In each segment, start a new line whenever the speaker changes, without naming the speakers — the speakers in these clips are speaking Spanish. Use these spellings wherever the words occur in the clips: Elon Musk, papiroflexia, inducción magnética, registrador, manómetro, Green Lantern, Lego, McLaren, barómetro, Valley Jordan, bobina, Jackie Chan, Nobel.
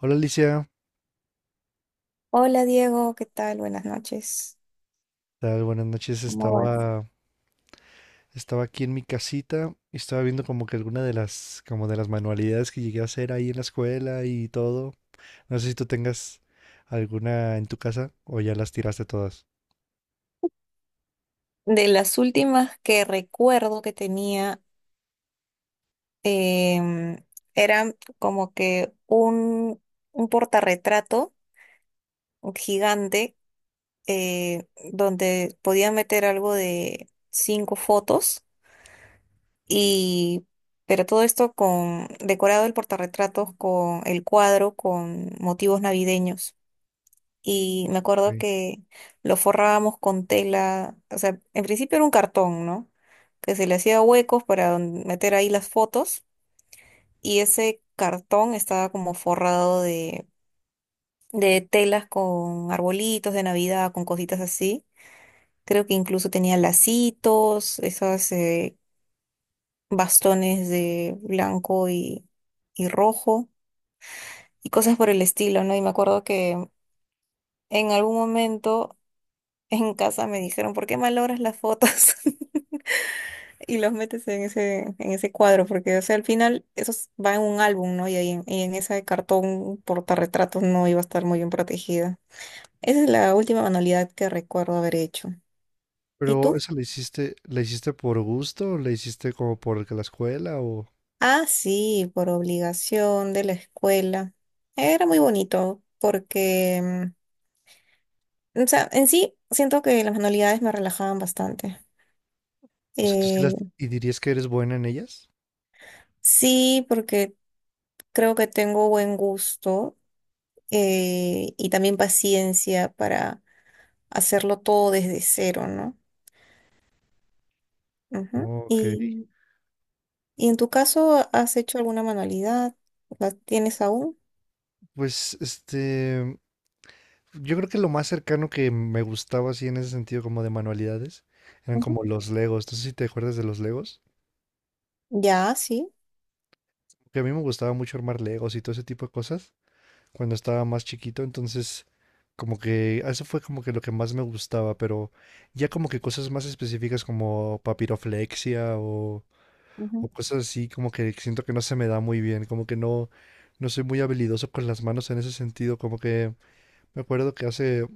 Hola Alicia,
Hola Diego, ¿qué tal? Buenas noches.
¿qué tal? Buenas noches.
¿Cómo vas?
Estaba aquí en mi casita y estaba viendo como que alguna de como de las manualidades que llegué a hacer ahí en la escuela y todo. No sé si tú tengas alguna en tu casa o ya las tiraste todas.
De las últimas que recuerdo que tenía, em, era como que un portarretrato gigante eh, donde podía meter algo de cinco fotos y pero todo esto con decorado el portarretrato con el cuadro con motivos navideños. Y me acuerdo
Ok.
que lo forrábamos con tela, o sea, en principio era un cartón, ¿no? Que se le hacía huecos para meter ahí las fotos y ese cartón estaba como forrado de telas con arbolitos de Navidad, con cositas así. Creo que incluso tenía lacitos, esos bastones de blanco y rojo y cosas por el estilo, ¿no? Y me acuerdo que en algún momento en casa me dijeron, ¿por qué malogras las fotos? Y los metes en ese cuadro, porque, o sea, al final eso va en un álbum, ¿no? Y ahí en ese cartón portarretratos no iba a estar muy bien protegida. Esa es la última manualidad que recuerdo haber hecho. ¿Y
Pero
tú?
eso lo hiciste, ¿la hiciste por gusto? ¿O la hiciste como por que la escuela?
Ah, sí, por obligación de la escuela. Era muy bonito, porque, o sea, en sí siento que las manualidades me relajaban bastante.
O sea, ¿tú sí
Eh,
las y dirías que eres buena en ellas?
sí, porque creo que tengo buen gusto y también paciencia para hacerlo todo desde cero, ¿no? Ujú.
Ok.
Y en tu caso, ¿has hecho alguna manualidad? ¿La tienes aún?
Pues Yo creo que lo más cercano que me gustaba así en ese sentido como de manualidades eran
Ujú.
como los Legos. No sé si te acuerdas de los Legos.
Ya, sí.
Que a mí me gustaba mucho armar Legos y todo ese tipo de cosas cuando estaba más chiquito. Entonces, como que eso fue como que lo que más me gustaba. Pero ya como que cosas más específicas como papiroflexia o
Ujú,
cosas así como que siento que no se me da muy bien. Como que no, no soy muy habilidoso con las manos en ese sentido. Como que... Me acuerdo que hace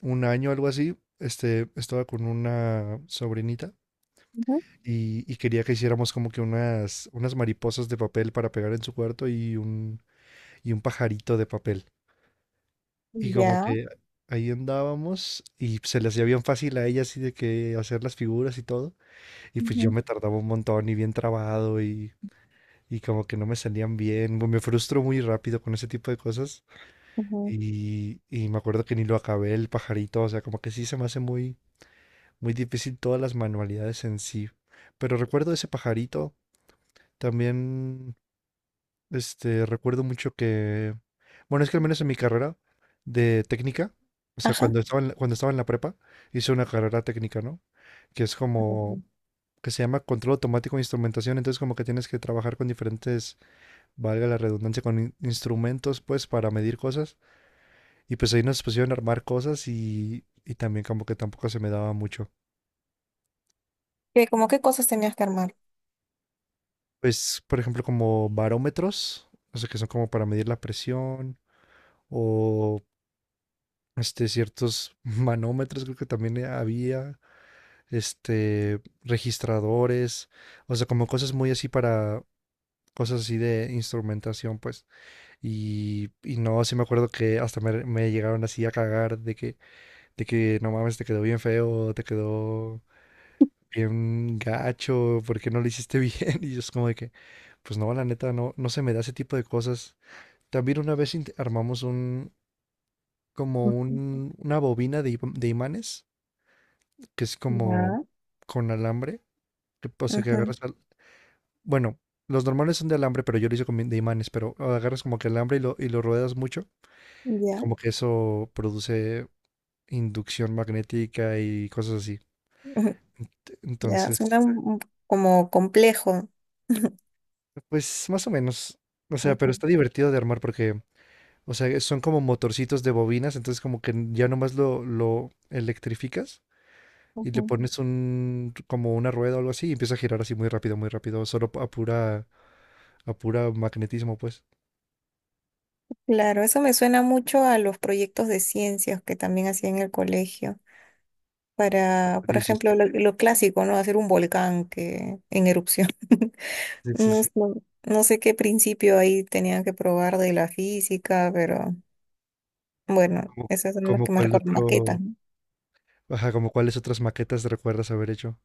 un año, algo así, estaba con una sobrinita
ujú.
y quería que hiciéramos como que unas mariposas de papel para pegar en su cuarto y un pajarito de papel. Y como
Ya.
que ahí andábamos y se le hacía bien fácil a ella así de que hacer las figuras y todo. Y pues yo
Ujú,
me tardaba un montón y bien trabado y como que no me salían bien. Me frustro muy rápido con ese tipo de cosas.
ujú.
Y me acuerdo que ni lo acabé el pajarito, o sea, como que sí se me hace muy muy difícil todas las manualidades en sí. Pero recuerdo ese pajarito. También, recuerdo mucho que, bueno, es que al menos en mi carrera de técnica, o sea,
Ajá.
cuando estaba cuando estaba en la prepa, hice una carrera técnica, ¿no? Que es
Ujú.
como, que se llama control automático de instrumentación. Entonces, como que tienes que trabajar con diferentes, valga la redundancia, con instrumentos, pues, para medir cosas. Y pues ahí nos pusieron a armar cosas y también como que tampoco se me daba mucho.
¿Qué, como qué cosas tenías que armar?
Pues, por ejemplo, como barómetros, o sea, que son como para medir la presión, o ciertos manómetros, creo que también había, registradores, o sea, como cosas muy así para, cosas así de instrumentación, pues, y no, sí me acuerdo que hasta me llegaron así a cagar de que, no mames, te quedó bien feo, te quedó bien gacho, ¿por qué no lo hiciste bien? Y yo es como de que, pues no, la neta, no, no se me da ese tipo de cosas. También una vez armamos
Ujú.
una bobina de imanes, que es como
Ya.
con alambre, que, o sea, que
Ujú.
agarras, bueno, los normales son de alambre, pero yo lo hice de imanes, pero agarras como que alambre y lo ruedas mucho, y
Ya.
como que eso produce inducción magnética y cosas así.
Ujú. Ya.
Entonces,
Suena como complejo.
pues más o menos, o sea, pero
Ujú,
está divertido de armar porque, o sea, son como motorcitos de bobinas, entonces como que ya nomás lo electrificas y le
ujú.
pones un como una rueda o algo así y empieza a girar así muy rápido, solo a pura magnetismo, pues.
Claro, eso me suena mucho a los proyectos de ciencias que también hacía en el colegio. Para, por
Sí, sí, está.
ejemplo, lo clásico, ¿no? Hacer un volcán que, en erupción.
Sí, sí,
No,
sí.
sé- no sé qué principio ahí tenían que probar de la física, pero bueno,
Como,
esas son las
como
que más
cuál
recuerdo,
otro,
maquetas, ¿no?
ajá, como cuáles otras maquetas recuerdas haber hecho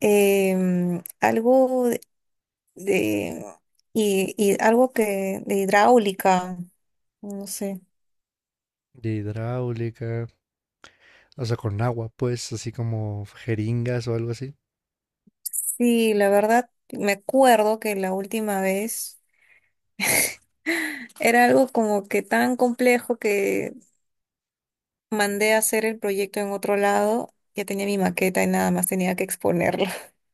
Algo de, y algo que de hidráulica, no sé.
de hidráulica, o sea, con agua, pues, así como jeringas o algo así.
Sí, la verdad, me acuerdo que la última vez era algo como que tan complejo que mandé a hacer el proyecto en otro lado. Ya tenía mi maqueta y nada más tenía que exponerlo.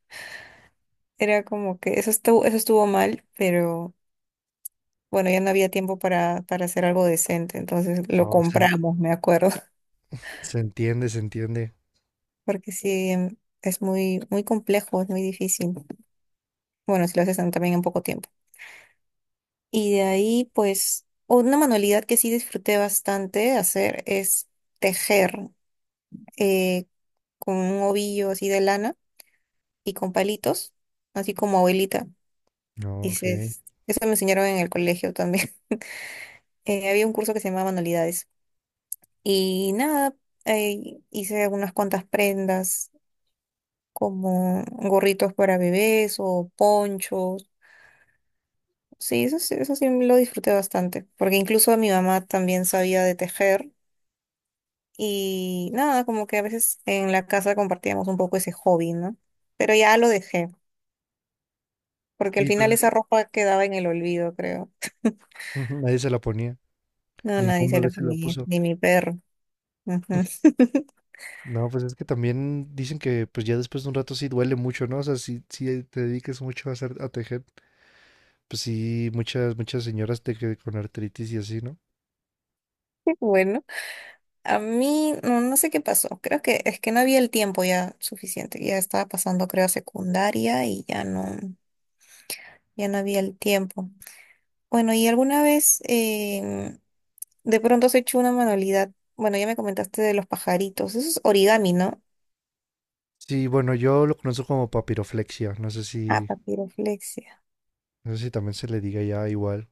Era como que eso estuvo mal, pero bueno, ya no había tiempo para hacer algo decente. Entonces lo
No, se, en-
compramos, me acuerdo.
Se entiende, se entiende.
Porque sí, es muy, muy complejo, es muy difícil. Bueno, si lo haces también en poco tiempo. Y de ahí, pues, una manualidad que sí disfruté bastante hacer es tejer eh, con un ovillo así de lana y con palitos, así como abuelita.
No,
Y se-
ok.
Eso me enseñaron en el colegio también. Había un curso que se llamaba Manualidades. Y nada, hice unas cuantas prendas, como gorritos para bebés o ponchos. Sí, eso sí lo disfruté bastante, porque incluso mi mamá también sabía de tejer. Y nada, como que a veces en la casa compartíamos un poco ese hobby, ¿no? Pero ya lo dejé, porque al
Sí,
final
pues es que
esa ropa quedaba en el olvido, creo.
nadie se la ponía,
No, nadie
ningún
se
bebé
lo
se la
comía,
puso.
ni mi perro. Ujú.
No, pues es que también dicen que pues ya después de un rato sí duele mucho, ¿no? O sea, si te dediques mucho a a tejer, pues sí, muchas señoras con artritis y así, ¿no?
Bueno, a mí no, no sé qué pasó. Creo que es que no había el tiempo ya suficiente. Ya estaba pasando, creo, a secundaria y ya ya no había el tiempo. Bueno, ¿y alguna vez de pronto has hecho una manualidad? Bueno, ya me comentaste de los pajaritos. Eso es origami, ¿no?
Sí, bueno, yo lo conozco como papiroflexia, no sé
Ah,
si,
papiroflexia.
no sé si también se le diga ya igual.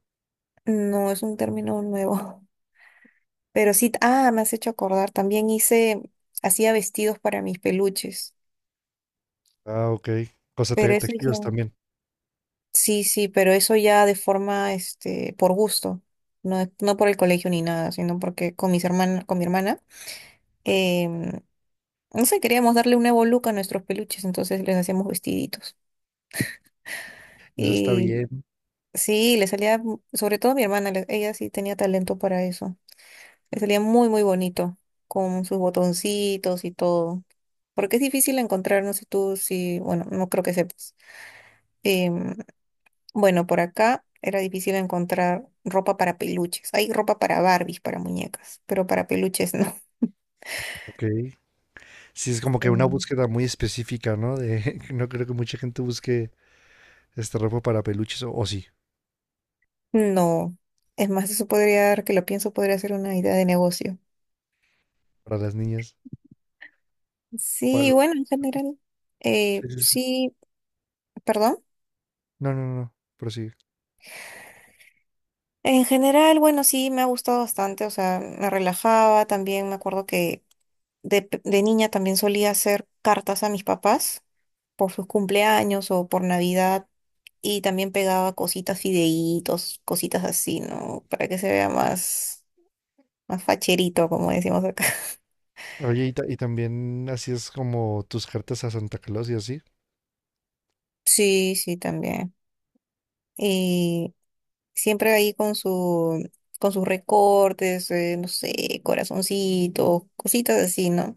No, es un término nuevo. Pero sí, ah, me has hecho acordar. Hacía vestidos para mis peluches.
Ah, ok. O sea,
Pero eso ya.
tejidos también.
Sí, sí, pero eso ya de forma, este, por gusto, no por el colegio ni nada, sino porque con mis hermanas, con mi hermana, em, no sé, queríamos darle un nuevo look a nuestros peluches, entonces les hacíamos vestiditos.
Eso está
Y
bien,
sí, mu- sobre todo a mi hermana, le- ella sí tenía talento para eso. Le salía muy, muy bonito, con sus botoncitos y todo. Porque es difícil encontrar, no sé tú si, bueno, no creo que sepas. Em, bueno, por acá era difícil encontrar ropa para peluches. Hay ropa para Barbies, para muñecas, pero para peluches no.
ok. Sí, es como que una
Mm.
búsqueda muy específica, ¿no? De, no creo que mucha gente busque ropa para peluches, o sí,
No. Es más, eso podría dar, que lo pienso, podría ser una idea de negocio.
para las niñas, para
Sí,
los...
bueno, en general,
Sí, sí, sí.
sí, perdón.
No, no, no, no.
En general, bueno, sí, me ha gustado bastante, o sea, me relajaba, también me acuerdo que de niña también solía hacer cartas a mis papás por sus cumpleaños o por Navidad y también pegaba cositas, fideitos, cositas así, ¿no? Para que se vea más facherito, como decimos acá.
Oye, y también así es como tus cartas a Santa Claus y así.
Sí, sí, también. Y siempre ahí con sus recortes, no sé, corazoncitos, cositas así, ¿no?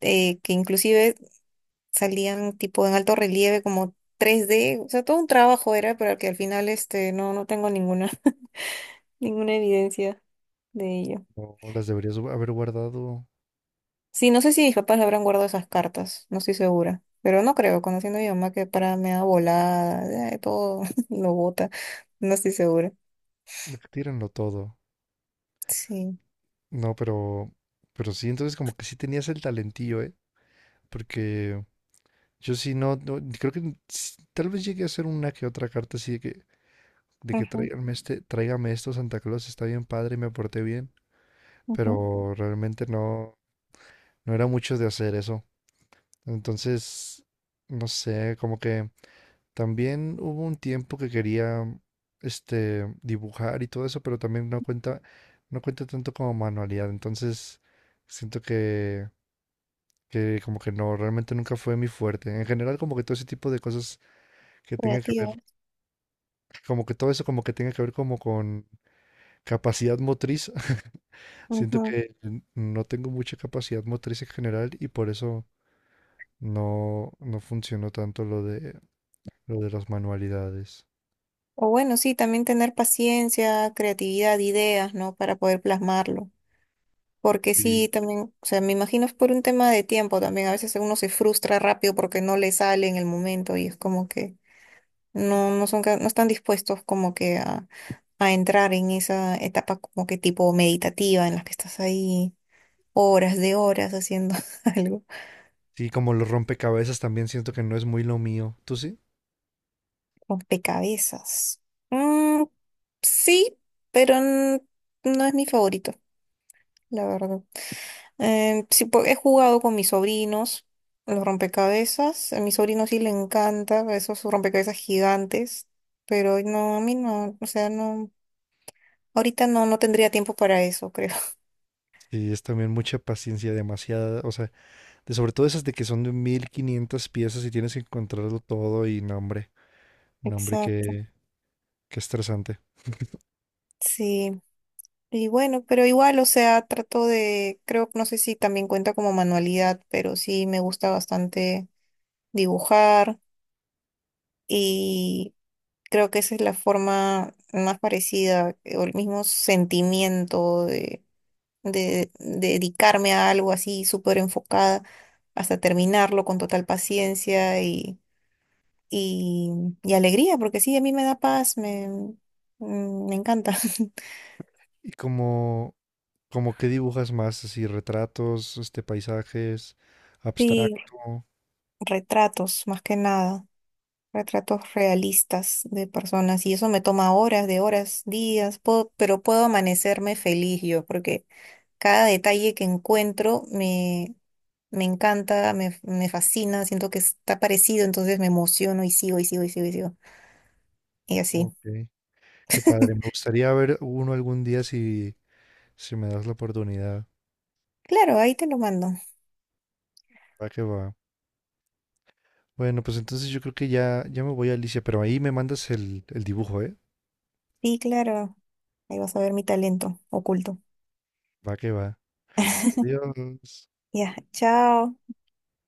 Que inclusive salían tipo en alto relieve, como 3D, o sea, todo un trabajo era, pero que al final este, no, no tengo ninguna, ninguna evidencia de ello.
No las deberías haber guardado.
Sí, no sé si mis papás habrán guardado esas cartas, no estoy segura, pero no creo, conociendo a mi mamá que para me da volada, todo lo bota, no estoy segura.
Tírenlo todo.
Sí,
No, pero sí, entonces como que sí tenías el talentillo, ¿eh? Porque yo sí no, creo que tal vez llegué a hacer una que otra carta así de que
ajá,
tráigame tráigame esto, Santa Claus, está bien padre y me porté bien.
ajá,
Pero realmente no, no era mucho de hacer eso. Entonces, no sé, como que. También hubo un tiempo que quería dibujar y todo eso, pero también no cuenta, no cuenta tanto como manualidad. Entonces siento que como que no, realmente nunca fue mi fuerte. En general, como que todo ese tipo de cosas que tenga que ver,
creativos,
como que todo eso como que tenga que ver como con capacidad motriz. Siento
ajá.
que no tengo mucha capacidad motriz en general y por eso no, no funcionó tanto lo de las manualidades.
O bueno, sí, también tener paciencia, creatividad, ideas, ¿no? Para poder plasmarlo. Porque sí,
Sí.
también, o sea, me imagino es por un tema de tiempo también. A veces uno se frustra rápido porque no le sale en el momento y es como que no son, ca- no están dispuestos como que a entrar en esa etapa como que tipo meditativa en la que estás ahí horas de horas haciendo algo.
Sí, como los rompecabezas también siento que no es muy lo mío. ¿Tú sí?
Rompecabezas. Mm, sí, pero no es mi favorito, la verdad. Sí, po- he jugado con mis sobrinos los rompecabezas. A mi sobrino sí le encanta esos rompecabezas gigantes, pero no, a mí no, o sea, no, ahorita no, no tendría tiempo para eso, creo.
Sí, es también mucha paciencia, demasiada, o sea, de sobre todo esas de que son de 1500 piezas y tienes que encontrarlo todo y no, hombre, no, hombre,
Exacto,
qué, qué estresante.
sí. Y bueno, pero igual, o sea, trato de, creo, no sé si también cuenta como manualidad, pero sí me gusta bastante dibujar y creo que esa es la forma más parecida o el mismo sentimiento de dedicarme a algo así súper enfocada hasta terminarlo con total paciencia y, y alegría, porque sí, a mí me da paz, mm, me encanta.
¿Y como qué dibujas más? Así, retratos, paisajes,
Sí,
abstracto.
retratos, más que nada, retratos realistas de personas y eso me toma horas, de horas, días, pero puedo amanecerme feliz yo, porque cada detalle que encuentro me encanta, me fascina, siento que está parecido, entonces me emociono y sigo y sigo y sigo y sigo. Y así.
Ok, qué padre. Me gustaría ver uno algún día si, si me das la oportunidad.
Claro, ahí te lo mando.
Va que va. Bueno, pues entonces yo creo que ya, ya me voy a Alicia, pero ahí me mandas el dibujo, ¿eh?
Sí, claro. Ahí vas a ver mi talento oculto.
Va que va. Adiós.
Ya, chao.